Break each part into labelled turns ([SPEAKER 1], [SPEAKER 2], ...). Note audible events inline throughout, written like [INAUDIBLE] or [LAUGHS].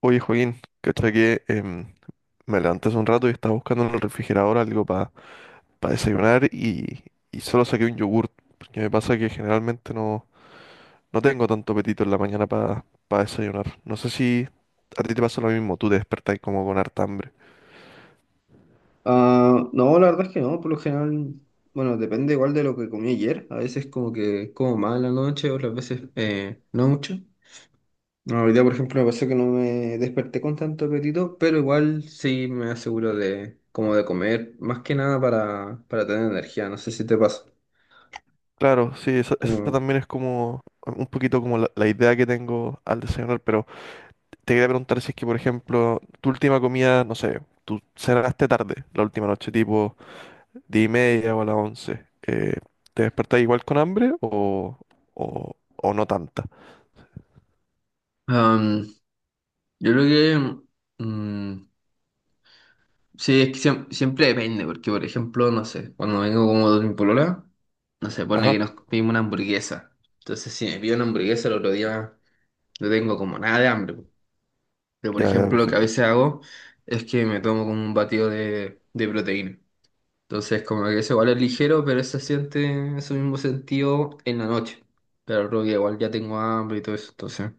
[SPEAKER 1] Oye, Joaquín, cacha que me levanté hace un rato y estaba buscando en el refrigerador algo para desayunar y solo saqué un yogurt. Porque me pasa que generalmente no, no tengo tanto apetito en la mañana para desayunar. No sé si a ti te pasa lo mismo, tú te despertás como con harta hambre.
[SPEAKER 2] Ah, no, la verdad es que no, por lo general, bueno, depende igual de lo que comí ayer. A veces como que como mal en la noche, otras veces no mucho. No, hoy día, por ejemplo, me pasó que no me desperté con tanto apetito, pero igual sí me aseguro de como de comer, más que nada para tener energía. No sé si te pasa.
[SPEAKER 1] Claro, sí, esa
[SPEAKER 2] Como-
[SPEAKER 1] también es como un poquito como la idea que tengo al desayunar, pero te quería preguntar si es que, por ejemplo, tu última comida, no sé, tú cenaste tarde la última noche, tipo 10:30 o a las 11. ¿Te despertás igual con hambre o, o no tanta?
[SPEAKER 2] Am, yo creo que mm, Sí, es que siempre depende, porque por ejemplo, no sé, cuando vengo como de mi polola, no sé, pone que
[SPEAKER 1] Ajá,
[SPEAKER 2] nos pedimos una hamburguesa. Entonces, si me pido una hamburguesa el otro día, no tengo como nada de hambre. Pero por
[SPEAKER 1] ya, ya,
[SPEAKER 2] ejemplo, lo que a
[SPEAKER 1] perfecto.
[SPEAKER 2] veces hago es que me tomo como un batido de, proteína. Entonces, como que eso igual es ligero, pero se siente ese mismo sentido en la noche. Pero el otro día igual ya tengo hambre y todo eso, entonces.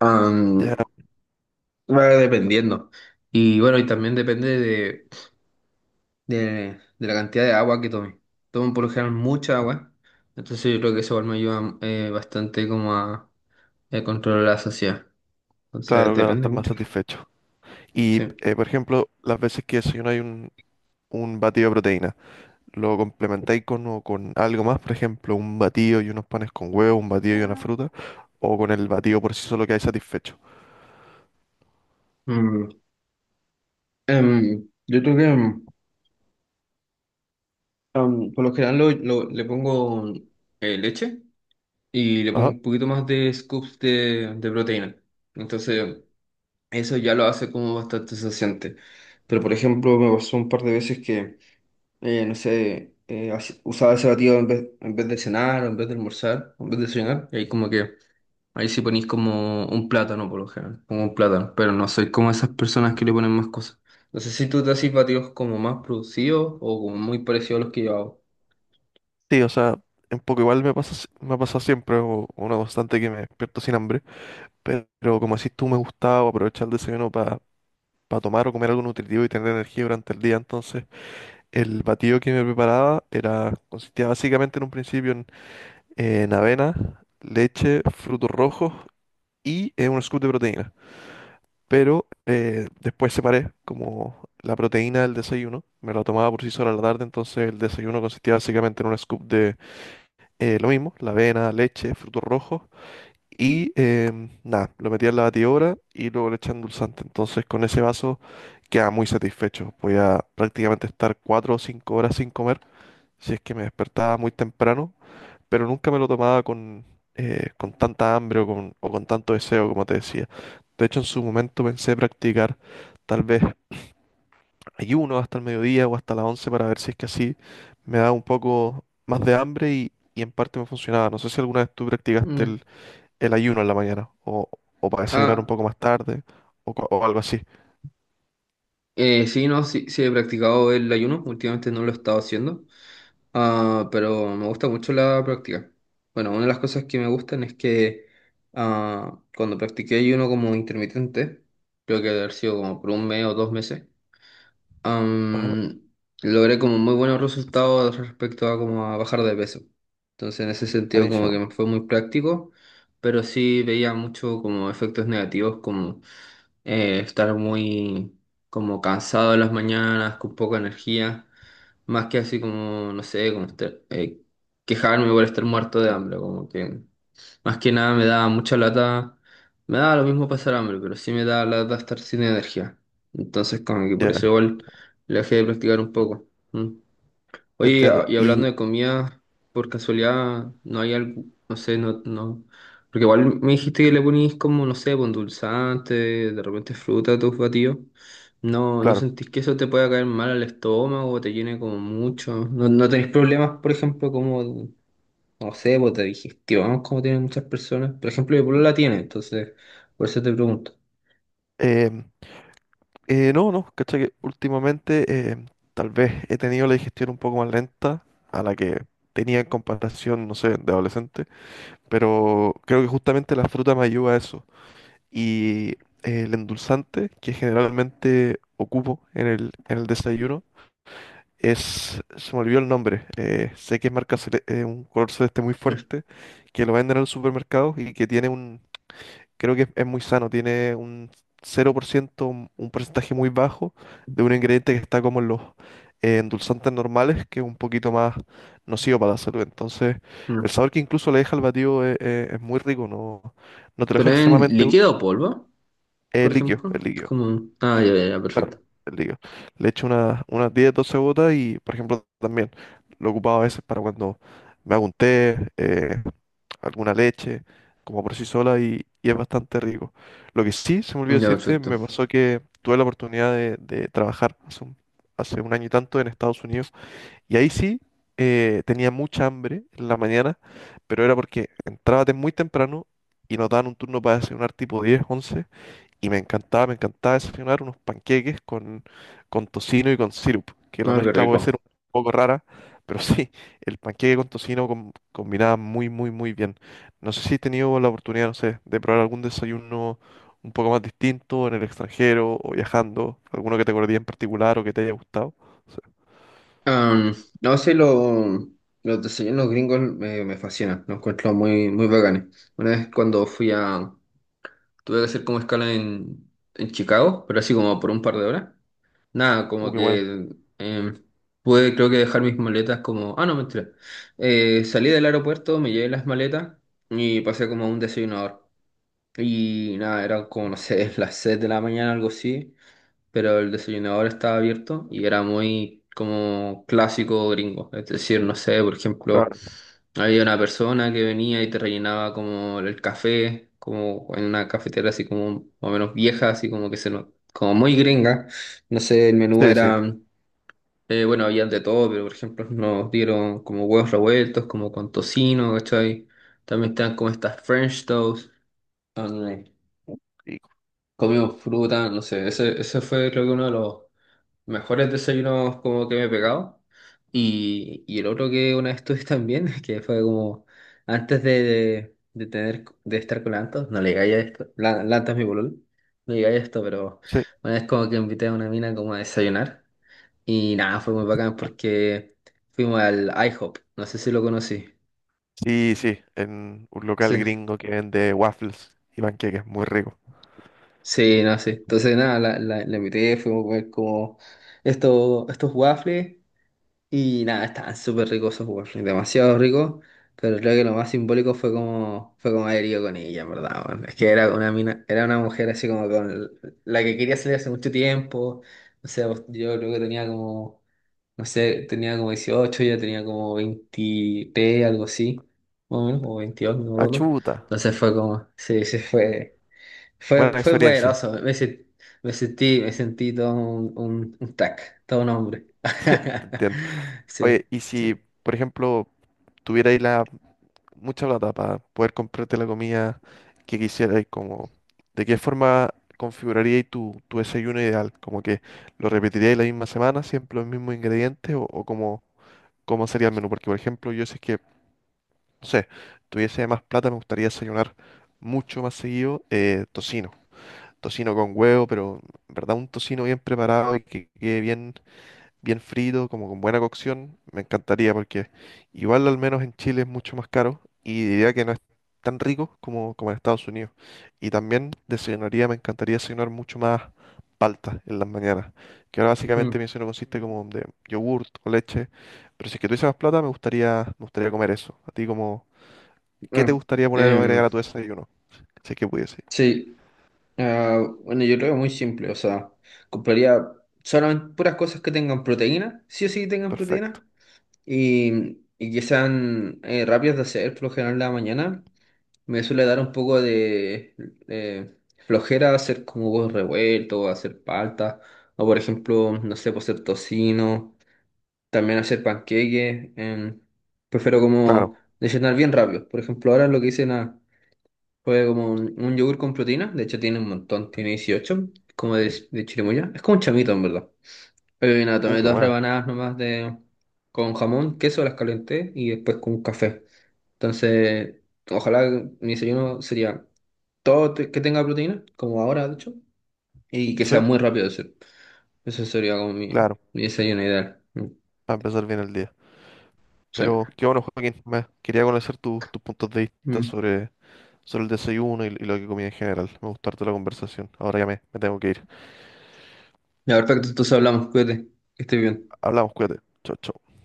[SPEAKER 2] am,
[SPEAKER 1] Ya,
[SPEAKER 2] Va dependiendo. Y bueno, y también depende de la cantidad de agua que tome. Tomo por lo general mucha agua, entonces yo creo que eso igual me ayuda bastante como a, controlar la saciedad. Entonces
[SPEAKER 1] claro, claro,
[SPEAKER 2] depende
[SPEAKER 1] estás más
[SPEAKER 2] mucho.
[SPEAKER 1] satisfecho. Y,
[SPEAKER 2] Sí.
[SPEAKER 1] por ejemplo, las veces que desayunáis un batido de proteína, ¿lo complementáis con, o con algo más? Por ejemplo, un batido y unos panes con huevo, un batido y una fruta, o con el batido por sí solo que hay satisfecho.
[SPEAKER 2] Mm, yo creo que por lo general le pongo leche y le pongo
[SPEAKER 1] Ajá,
[SPEAKER 2] un poquito más de scoops de, proteína. Entonces eso ya lo hace como bastante saciante. Pero por ejemplo me pasó un par de veces que no sé, usaba ese batido en vez de cenar, o en vez de almorzar, o en vez de cenar, y ahí como que, ahí sí ponís como un plátano por lo general, como un plátano, pero no soy como esas personas que le ponen más cosas. No sé si tú te haces batidos como más producidos o como muy parecidos a los que yo hago.
[SPEAKER 1] sí, o sea, un poco igual me pasa, me ha pasado siempre, o una constante que me despierto sin hambre. Pero como decís tú, me gustaba aprovechar el desayuno para tomar o comer algo nutritivo y tener energía durante el día. Entonces, el batido que me preparaba era, consistía básicamente en un principio en, avena, leche, frutos rojos y un scoop de proteína. Pero después separé como la proteína del desayuno, me la tomaba por sí sola a la tarde, entonces el desayuno consistía básicamente en un scoop de lo mismo, la avena, leche, frutos rojos y nada, lo metía en la batidora y luego le echan endulzante. Entonces con ese vaso queda muy satisfecho. Voy a prácticamente estar 4 o 5 horas sin comer, si es que me despertaba muy temprano, pero nunca me lo tomaba con tanta hambre o o con tanto deseo, como te decía. De hecho, en su momento pensé practicar tal vez ayuno hasta el mediodía o hasta las 11 para ver si es que así me da un poco más de hambre y en parte me funcionaba. No sé si alguna vez tú
[SPEAKER 2] Mm.
[SPEAKER 1] practicaste el ayuno en la mañana, o para desayunar un
[SPEAKER 2] Ah,
[SPEAKER 1] poco más tarde, o algo así.
[SPEAKER 2] sí, no, sí, sí he practicado el ayuno, últimamente no lo he estado haciendo. Ah, pero me gusta mucho la práctica. Bueno, una de las cosas que me gustan es que cuando practiqué ayuno como intermitente, creo que debe haber sido como por un mes o dos meses,
[SPEAKER 1] Ajá,
[SPEAKER 2] am, logré como muy buenos resultados respecto a como a bajar de peso. Entonces en ese sentido como que
[SPEAKER 1] buenísimo.
[SPEAKER 2] me fue muy práctico, pero sí veía mucho como efectos negativos como estar muy como cansado en las mañanas, con poca energía. Más que así como, no sé, como estar, quejarme por estar muerto de hambre, como que más que nada me daba mucha lata, me daba lo mismo pasar hambre, pero sí me daba lata estar sin energía. Entonces como que por
[SPEAKER 1] Ya,
[SPEAKER 2] eso igual le dejé de practicar un poco. Mm.
[SPEAKER 1] te
[SPEAKER 2] Oye,
[SPEAKER 1] entiendo.
[SPEAKER 2] y hablando
[SPEAKER 1] Y
[SPEAKER 2] de comida, por casualidad, no hay algo, no sé, no, no, porque igual me dijiste que le ponís como, no sé, dulzante, de repente fruta a tus batidos. No, ¿no
[SPEAKER 1] claro,
[SPEAKER 2] sentís que eso te pueda caer mal al estómago, o te llene como mucho? ¿No, no tenés problemas, por ejemplo, como, no sé, pues de digestión, como tienen muchas personas? Por ejemplo, mi polola la tiene, entonces, por eso te pregunto.
[SPEAKER 1] em, no, no, ¿cachai? Que últimamente tal vez he tenido la digestión un poco más lenta a la que tenía en comparación, no sé, de adolescente, pero creo que justamente la fruta me ayuda a eso. Y el endulzante que generalmente ocupo en el desayuno, Se me olvidó el nombre. Sé que es marca un color celeste muy fuerte, que lo venden en el supermercado y que tiene un, creo que es, muy sano, tiene un 0%, un porcentaje muy bajo de un ingrediente que está como en los endulzantes normales, que es un poquito más nocivo para la salud. Entonces, el
[SPEAKER 2] Mm.
[SPEAKER 1] sabor que incluso le deja al batido es, es muy rico, no, no te lo deja
[SPEAKER 2] ¿Pero en
[SPEAKER 1] extremadamente dulce,
[SPEAKER 2] líquido o polvo, por ejemplo?
[SPEAKER 1] es
[SPEAKER 2] Es
[SPEAKER 1] líquido
[SPEAKER 2] como, ah, ya,
[SPEAKER 1] el-
[SPEAKER 2] ya, ya, perfecto.
[SPEAKER 1] claro, el líquido. Le echo unas 10 12 gotas y, por ejemplo, también lo he ocupado a veces para cuando me hago un té, alguna leche, como por sí sola y es bastante rico. Lo que sí, se me olvidó
[SPEAKER 2] Ya,
[SPEAKER 1] decirte,
[SPEAKER 2] perfecto.
[SPEAKER 1] me pasó que tuve la oportunidad de trabajar hace un año y tanto en Estados Unidos y ahí sí tenía mucha hambre en la mañana, pero era porque entraba de muy temprano y nos daban un turno para desayunar tipo 10 11 y me encantaba desayunar unos panqueques con tocino y con sirup, que la
[SPEAKER 2] No, qué
[SPEAKER 1] mezcla puede ser
[SPEAKER 2] rico.
[SPEAKER 1] un poco rara, pero [LAUGHS] sí, el panqueque con tocino combinaba muy, muy, muy bien. No sé si he tenido la oportunidad, no sé, de probar algún desayuno un poco más distinto en el extranjero o viajando, alguno que te acordé en particular o que te haya gustado. Sí.
[SPEAKER 2] Am, no sé, los desayunos gringos me, fascinan, los encuentro muy, muy bacanes. Una vez cuando fui a... Tuve que hacer como escala en Chicago, pero así como por un par de horas. Nada, como
[SPEAKER 1] Qué buena.
[SPEAKER 2] que em, pude creo que dejar mis maletas como... Ah, no, mentira. Salí del aeropuerto, me llevé las maletas y pasé como a un desayunador. Y nada, eran como, no sé, [LAUGHS] las 6 de la mañana, algo así. Pero el desayunador estaba abierto y era muy como clásico gringo. Es decir, no sé, por ejemplo,
[SPEAKER 1] Claro.
[SPEAKER 2] había una persona que venía y te rellenaba como el café, como en una cafetera así como más o menos vieja, así como que se no- como muy gringa. No sé, el menú
[SPEAKER 1] Sí, sí.
[SPEAKER 2] era, bueno, había de todo, pero por ejemplo nos dieron como huevos revueltos, como con tocino, ¿cachai? También estaban como estas French toast. Donde
[SPEAKER 1] Rico.
[SPEAKER 2] comimos fruta, no sé, ese fue creo que uno de los mejores desayunos como que me he pegado. Y el otro que una vez tuve también, [LAUGHS] que fue como antes de tener, de estar con Lantos, no le digáis a esto, Lantos es mi pololo, no le digáis esto, pero
[SPEAKER 1] Sí,
[SPEAKER 2] una vez como que invité a una mina como a desayunar. Y nada, fue muy bacán porque fuimos al IHOP, no sé si lo conocí.
[SPEAKER 1] sí, sí, en un local
[SPEAKER 2] Sí,
[SPEAKER 1] gringo que vende waffles y panqueques, muy rico.
[SPEAKER 2] sí, no sé. Entonces nada, la invité, fuimos a comer como estos waffles. Y nada, estaban súper ricos esos waffles, demasiado ricos, pero creo que lo más simbólico fue como haber ido con ella, en verdad, weón. Es que era una mina, era una mujer así como con la que quería salir hace mucho tiempo, o sea, pues, yo creo que tenía como, no sé, tenía como 18 ella tenía como 23, algo así, más o menos, o 22 no me
[SPEAKER 1] Ah,
[SPEAKER 2] acuerdo.
[SPEAKER 1] chuta,
[SPEAKER 2] Entonces fue como, sí, sí fue. Fue,
[SPEAKER 1] buena
[SPEAKER 2] fue
[SPEAKER 1] experiencia.
[SPEAKER 2] poderoso, me sentí todo un tac, todo un hombre.
[SPEAKER 1] Te
[SPEAKER 2] [LAUGHS]
[SPEAKER 1] entiendo.
[SPEAKER 2] Sí,
[SPEAKER 1] Oye, y
[SPEAKER 2] sí.
[SPEAKER 1] si, por ejemplo, tuvierais la mucha plata para poder comprarte la comida que quisierais, como, ¿de qué forma configuraríais tu desayuno ideal? ¿Como que lo repetiríais la misma semana, siempre los mismos ingredientes? ¿O cómo sería el menú? Porque, por ejemplo, yo si es que, no sé, tuviese más plata, me gustaría desayunar mucho más seguido tocino. Tocino con huevo, pero en verdad un tocino bien preparado y que quede bien bien frito, como con buena cocción, me encantaría porque igual al menos en Chile es mucho más caro y diría que no es tan rico como en Estados Unidos. Y también desayunaría, me encantaría desayunar mucho más palta en las mañanas, que ahora
[SPEAKER 2] Mm,
[SPEAKER 1] básicamente mi desayuno consiste como de yogurt o leche, pero si es que tuviese más plata me gustaría, comer eso. A ti como, ¿qué te
[SPEAKER 2] ah,
[SPEAKER 1] gustaría poner o
[SPEAKER 2] em,
[SPEAKER 1] agregar a tu desayuno? Si es que pudiese.
[SPEAKER 2] sí, ah, bueno, yo creo que muy simple, o sea, compraría solamente puras cosas que tengan proteína, sí o sí tengan
[SPEAKER 1] Perfecto.
[SPEAKER 2] proteína, y que sean rápidas de hacer, por lo general en la mañana. Me suele dar un poco de eh, flojera hacer como huevos revueltos, hacer palta, o por ejemplo, no sé, pues hacer tocino, también hacer panqueques. Prefiero
[SPEAKER 1] Claro.
[SPEAKER 2] como desayunar bien rápido. Por ejemplo, ahora lo que hice nada, fue como un yogur con proteína, de hecho tiene un montón, tiene 18, como de, chirimoya. Es como un chamito en verdad. Nada, tomé
[SPEAKER 1] Qué
[SPEAKER 2] dos
[SPEAKER 1] buena.
[SPEAKER 2] rebanadas nomás de, con jamón, queso, las calenté y después con un café. Entonces, ojalá mi desayuno sería que tenga proteína, como ahora, de hecho, y que sea
[SPEAKER 1] Sí,
[SPEAKER 2] muy rápido de hacer. Eso sería como mi,
[SPEAKER 1] claro.
[SPEAKER 2] mi desayuno ideal. Mm,
[SPEAKER 1] Para empezar bien el día.
[SPEAKER 2] sí.
[SPEAKER 1] Pero qué bueno, Joaquín. Quería conocer tus puntos de vista
[SPEAKER 2] Mm.
[SPEAKER 1] sobre el desayuno y lo que comía en general. Me gustó harto la conversación. Ahora ya me tengo que ir.
[SPEAKER 2] Ya, perfecto, entonces hablamos, cuídate, que estés bien.
[SPEAKER 1] Hablamos, cuídate. Chao, chao.